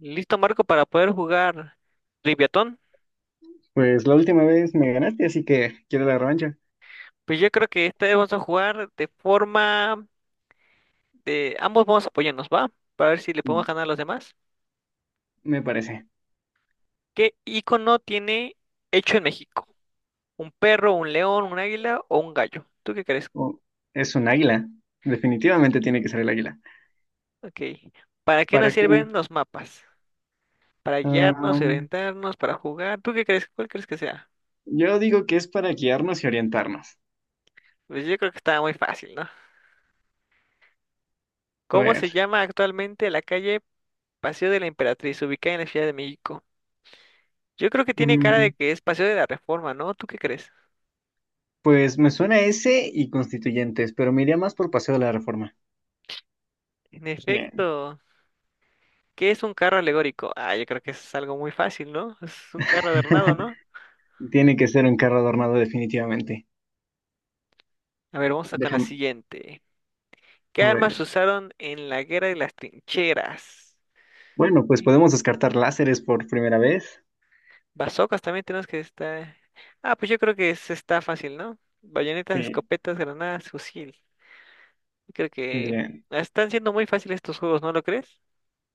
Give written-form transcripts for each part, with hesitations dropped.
Listo, Marco, para poder jugar Triviatón. Pues la última vez me ganaste, así que quiero la revancha. Pues yo creo que esta vez vamos a jugar de ambos vamos a apoyarnos, ¿va? Para ver si le podemos ganar a los demás. Me parece. ¿Qué icono tiene hecho en México? ¿Un perro, un león, un águila o un gallo? ¿Tú qué crees? Oh, es un águila. Definitivamente tiene que ser el águila. Ok. ¿Para qué nos ¿Para qué? sirven los mapas? ¿Para guiarnos, Am, orientarnos, para jugar? ¿Tú qué crees? ¿Cuál crees que sea? yo digo que es para guiarnos y orientarnos. Pues yo creo que está muy fácil, ¿no? A ¿Cómo ver. se llama actualmente la calle Paseo de la Emperatriz, ubicada en la Ciudad de México? Yo creo que tiene cara de mm, que es Paseo de la Reforma, ¿no? ¿Tú qué crees? pues me suena ese y constituyentes, pero me iría más por Paseo de la Reforma. En Bien. efecto, ¿qué es un carro alegórico? Ah, yo creo que es algo muy fácil, ¿no? Es un carro adornado, ¿no? Tiene que ser un carro adornado definitivamente. A ver, vamos a con la Déjame, siguiente. ¿Qué a armas ver. usaron en la guerra de las trincheras? Bueno, pues Sí. podemos descartar láseres por primera vez. Bazocas también tenemos que estar. Ah, pues yo creo que está fácil, ¿no? Bayonetas, Sí, escopetas, granadas, fusil. Creo que bien. están siendo muy fáciles estos juegos, ¿no lo crees?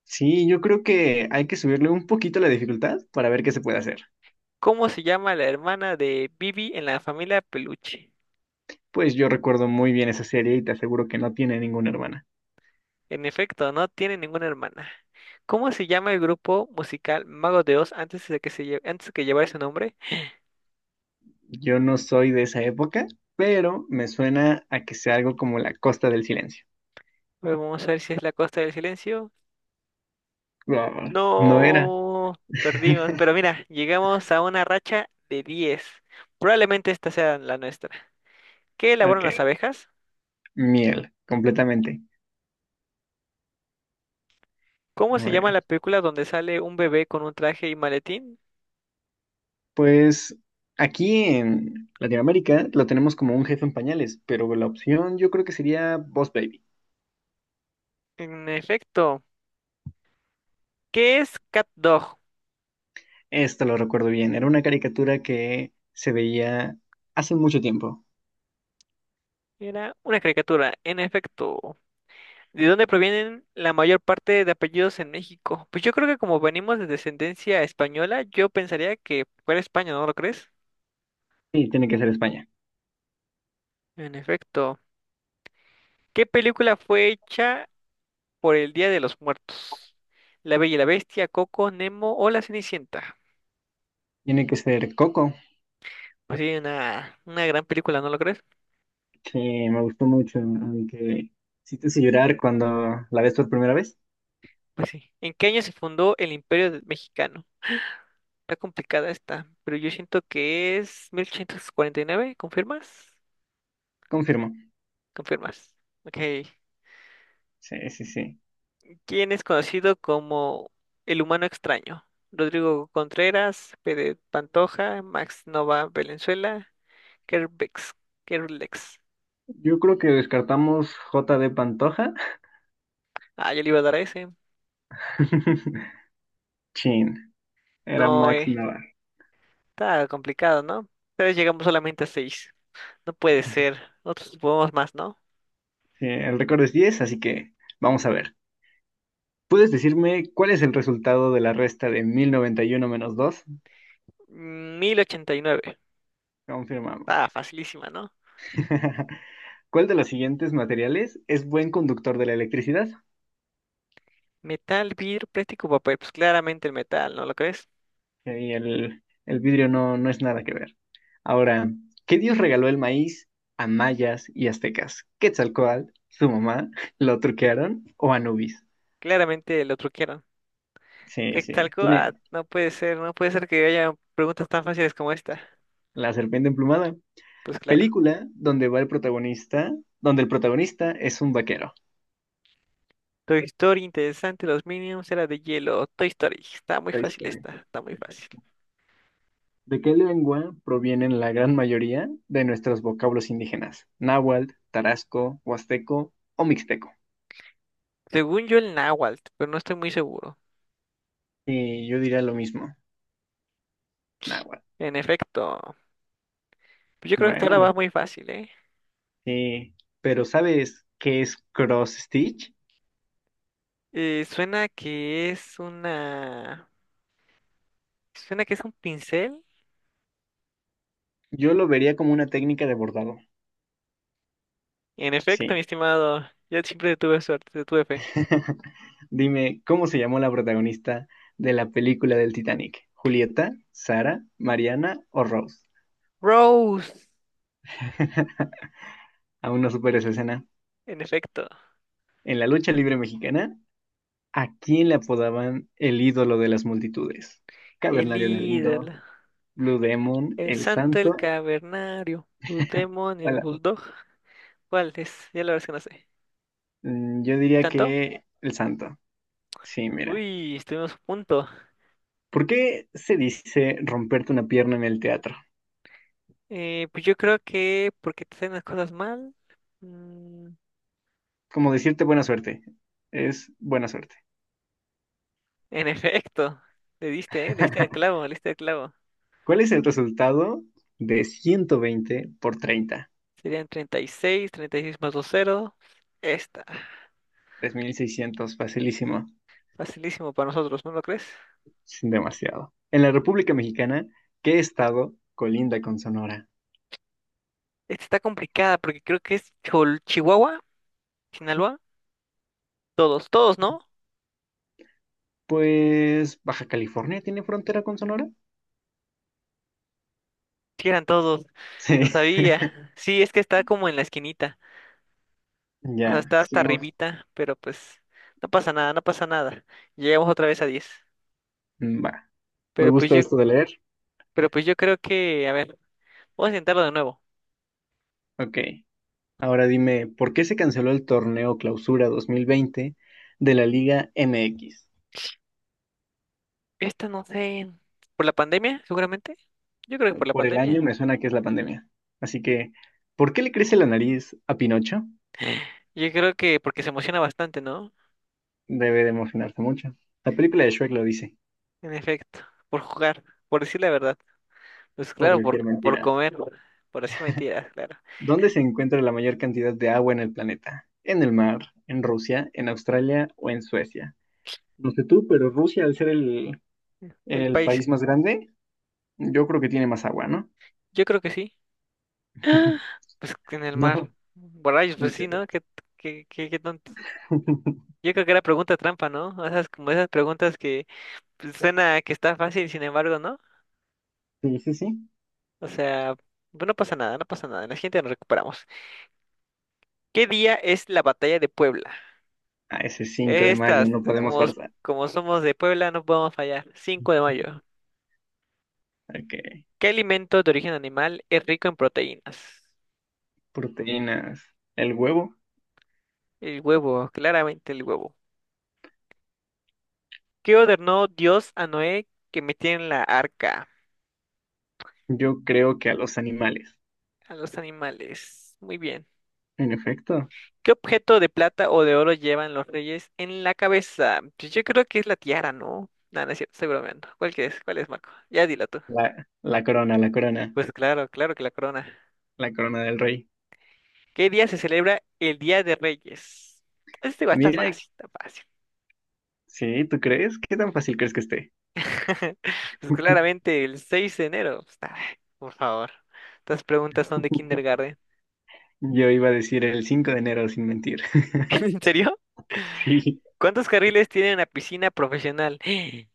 Sí, yo creo que hay que subirle un poquito la dificultad para ver qué se puede hacer. ¿Cómo se llama la hermana de Bibi en la familia Peluche? Pues yo recuerdo muy bien esa serie y te aseguro que no tiene ninguna hermana. En efecto, no tiene ninguna hermana. ¿Cómo se llama el grupo musical Mago de Oz antes de que llevara ese nombre? Yo no soy de esa época, pero me suena a que sea algo como La Costa del Silencio. A ver, vamos a ver si es La Costa del Silencio. Ah, no era. No, perdimos, pero mira, llegamos a una racha de 10. Probablemente esta sea la nuestra. ¿Qué elaboran Ok, las abejas? miel, completamente. ¿Cómo A se llama ver, la película donde sale un bebé con un traje y maletín? pues aquí en Latinoamérica lo tenemos como un jefe en pañales, pero la opción yo creo que sería Boss Baby. En efecto, ¿qué es Cat Dog? Esto lo recuerdo bien. Era una caricatura que se veía hace mucho tiempo. Era una caricatura, en efecto. ¿De dónde provienen la mayor parte de apellidos en México? Pues yo creo que como venimos de descendencia española, yo pensaría que fuera España, ¿no lo crees? Sí, tiene que ser España. En efecto. ¿Qué película fue hecha por el Día de los Muertos? La Bella y la Bestia, Coco, Nemo o La Cenicienta. Tiene que ser Coco, Pues sí, una gran película, ¿no lo crees? que me gustó mucho, aunque sí te hice llorar cuando la ves por primera vez. Pues sí. ¿En qué año se fundó el Imperio Mexicano? Está complicada esta, pero yo siento que es 1849. ¿Confirmas? Confirmo. Confirmas. Ok. Sí, sí, sí. ¿Quién es conocido como el humano extraño? Rodrigo Contreras, Pérez Pantoja, Max Nova Valenzuela, Kerbex, Kerlex. Yo creo que descartamos J.D. Pantoja. Ah, yo le iba a dar a ese. Chin, era No, Max Navarro. está complicado, ¿no? Pero llegamos solamente a 6. No puede ser. Nosotros podemos más, ¿no? Sí, el récord es 10, así que vamos a ver. ¿Puedes decirme cuál es el resultado de la resta de 1091 menos dos? 1089. Confirmamos. Ah, facilísima, ¿no? ¿Cuál de los siguientes materiales es buen conductor de la electricidad? Metal, vidrio, plástico, papel. Pues claramente el metal, ¿no lo crees? Ahí el vidrio no, no es nada que ver. Ahora, ¿qué dios regaló el maíz a mayas y aztecas? ¿Quetzalcóatl, su mamá, lo truquearon o Anubis? Claramente lo truquearon. Sí, sí, tiene Quetzalcóatl, no puede ser, no puede ser que haya preguntas tan fáciles como esta. la serpiente emplumada. Pues claro. Película donde va el protagonista, donde el protagonista es un vaquero. Toy Story, interesante. Los Minions era de hielo. Toy Story. Está muy Toy fácil Story. esta. Está muy fácil. ¿De qué lengua provienen la gran mayoría de nuestros vocablos indígenas? Náhuatl, tarasco, huasteco o mixteco. Según yo, el Náhuatl, pero no estoy muy seguro. Sí, yo diría lo mismo. Nahuatl. En efecto. Pues yo creo que esta ahora Bueno, va muy fácil, ¿eh? sí. Pero ¿sabes qué es cross stitch? Suena que es una. Suena que es un pincel. Yo lo vería como una técnica de bordado. En efecto, mi Sí. estimado. Yo siempre tuve suerte, te tuve fe. Dime, ¿cómo se llamó la protagonista de la película del Titanic? ¿Julieta, Sara, Mariana o Rose? Rose. Aún no supero esa escena. En efecto. En la lucha libre mexicana, ¿a quién le apodaban el ídolo de las multitudes? El Cavernario ídolo. Galindo, Blue Demon, El El santo, el Santo. cavernario. Tu demonio, el bulldog. ¿Cuál es? Ya la verdad es que no sé. Yo ¿El diría santo? que el santo. Sí, mira. Uy, estuvimos a punto. ¿Por qué se dice romperte una pierna en el teatro? Pues yo creo que porque te hacen las cosas mal. Mm, Como decirte buena suerte. Es buena suerte. en efecto, le diste, ¿eh? Le diste al clavo, le diste al clavo. ¿Cuál es el resultado de 120 por 30? Serían 36 36 más dos cero. Esta, 3600, facilísimo. facilísimo para nosotros, ¿no lo crees? Sin demasiado. En la República Mexicana, ¿qué estado colinda con Sonora? Esta está complicada porque creo que es Chihuahua, Sinaloa. Todos, todos, ¿no? Pues Baja California tiene frontera con Sonora. Sí, eran todos, lo Sí, sabía. Sí, es que está como en la esquinita. O sea, ya, está hasta estuvimos. arribita, pero pues no pasa nada, no pasa nada. Llegamos otra vez a 10. Mm. Va. Me Pero pues gusta yo esto de leer. Pero pues yo creo que, a ver, vamos a intentarlo de nuevo. Ok. Ahora dime, ¿por qué se canceló el torneo Clausura 2020 de la Liga MX? Esta no sé, por la pandemia, seguramente. Yo creo que por la Por el año pandemia. me suena que es la pandemia. Así que, ¿por qué le crece la nariz a Pinocho? Yo creo que porque se emociona bastante, ¿no? Debe de emocionarse mucho. La película de Shrek lo dice, En efecto, por jugar, por decir la verdad. Pues por claro, por, decir por mentiras. comer, por decir mentiras, claro. ¿Dónde se encuentra la mayor cantidad de agua en el planeta? ¿En el mar? ¿En Rusia? ¿En Australia o en Suecia? No sé tú, pero Rusia, al ser el, El el país, país más grande, yo creo que tiene más agua, ¿no? yo creo que sí. ¡Ah! Pues que en el mar. No, Por borrachos, pues sí, inter- ¿no? Qué tonto. Yo creo que era pregunta trampa, ¿no? O sea, es como esas preguntas que pues, suena que está fácil, sin embargo, ¿no? Sí, sí, sí. O sea, pues, no pasa nada, no pasa nada. En la siguiente nos recuperamos. ¿Qué día es la batalla de Puebla? Ah, ese 5 de mayo, Estas, no podemos como, forzar. como somos de Puebla, no podemos fallar. 5 de mayo. Ok. ¿Qué alimento de origen animal es rico en proteínas? Proteínas. El huevo. El huevo, claramente el huevo. ¿Qué ordenó Dios a Noé que metiera en la arca Yo creo que a los animales. a los animales? Muy bien. En efecto. ¿Qué objeto de plata o de oro llevan los reyes en la cabeza? Pues yo creo que es la tiara, ¿no? No, no es cierto, estoy bromeando. ¿Cuál que es? ¿Cuál es, Marco? Ya dilo tú. La corona, la corona. Pues claro, claro que la corona. La corona del rey. ¿Qué día se celebra el Día de Reyes? Este va, está Mira, fácil, está fácil. sí, ¿tú crees? ¿Qué tan fácil crees que esté? Pues claramente el 6 de enero. Por favor. Estas preguntas son de kindergarten. Yo iba a decir el 5 de enero sin mentir. ¿En serio? Sí, ¿Cuántos carriles tiene una piscina profesional?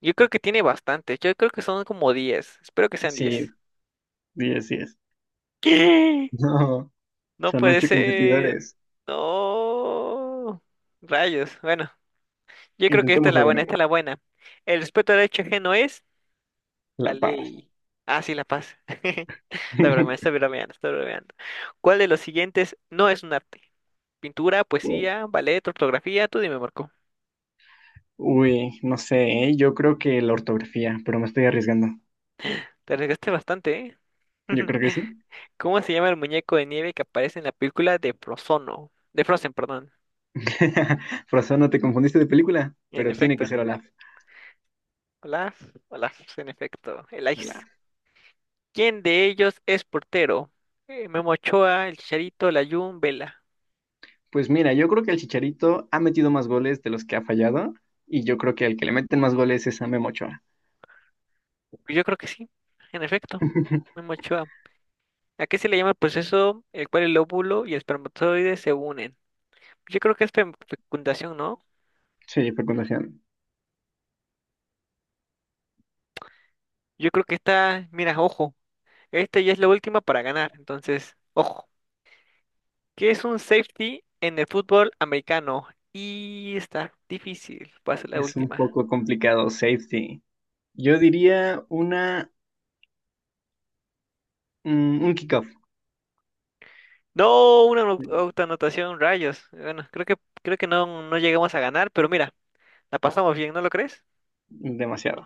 Yo creo que tiene bastantes. Yo creo que son como 10. Espero que sean 10. sí, sí, así es. ¿Qué? No, No son puede 8 ser. competidores. No. Rayos. Bueno, yo creo que esta es la Intentémoslo de buena, nuevo. esta es la buena. El respeto al derecho ajeno es la La paz. ley. Ah, sí, la paz. Está bromeando, está bromeando, está bromeando. ¿Cuál de los siguientes no es un arte? Pintura, poesía, ballet, ortografía. Tú dime, Marco. Uy, no sé, ¿eh? Yo creo que la ortografía, pero me estoy arriesgando. Te arriesgaste bastante, ¿eh? Yo creo que sí. ¿Cómo se llama el muñeco de nieve que aparece en la película de Frozono? De Frozen, perdón. Por eso no te confundiste de película, En pero tiene que efecto. ser Olaf. Hola, hola, en efecto. El Ice. Olaf. ¿Quién de ellos es portero? Memo Ochoa, el Chicharito, Layún, Vela. Pues mira, yo creo que el Chicharito ha metido más goles de los que ha fallado, y yo creo que el que le meten más goles es a Memo Ochoa. Yo creo que sí, en efecto. Memo Ochoa. Aquí se le llama el proceso el cual el óvulo y el espermatozoide se unen. Yo creo que es fecundación, ¿no? Sí, fecundación. Yo creo que esta, mira, ojo, esta ya es la última para ganar, entonces, ojo. ¿Qué es un safety en el fútbol americano? Y está difícil, va a ser la Es un última. poco complicado, safety. Yo diría una, un kickoff. No, una autoanotación, rayos. Bueno, creo que no llegamos a ganar, pero mira, la pasamos bien, ¿no lo crees? Demasiado.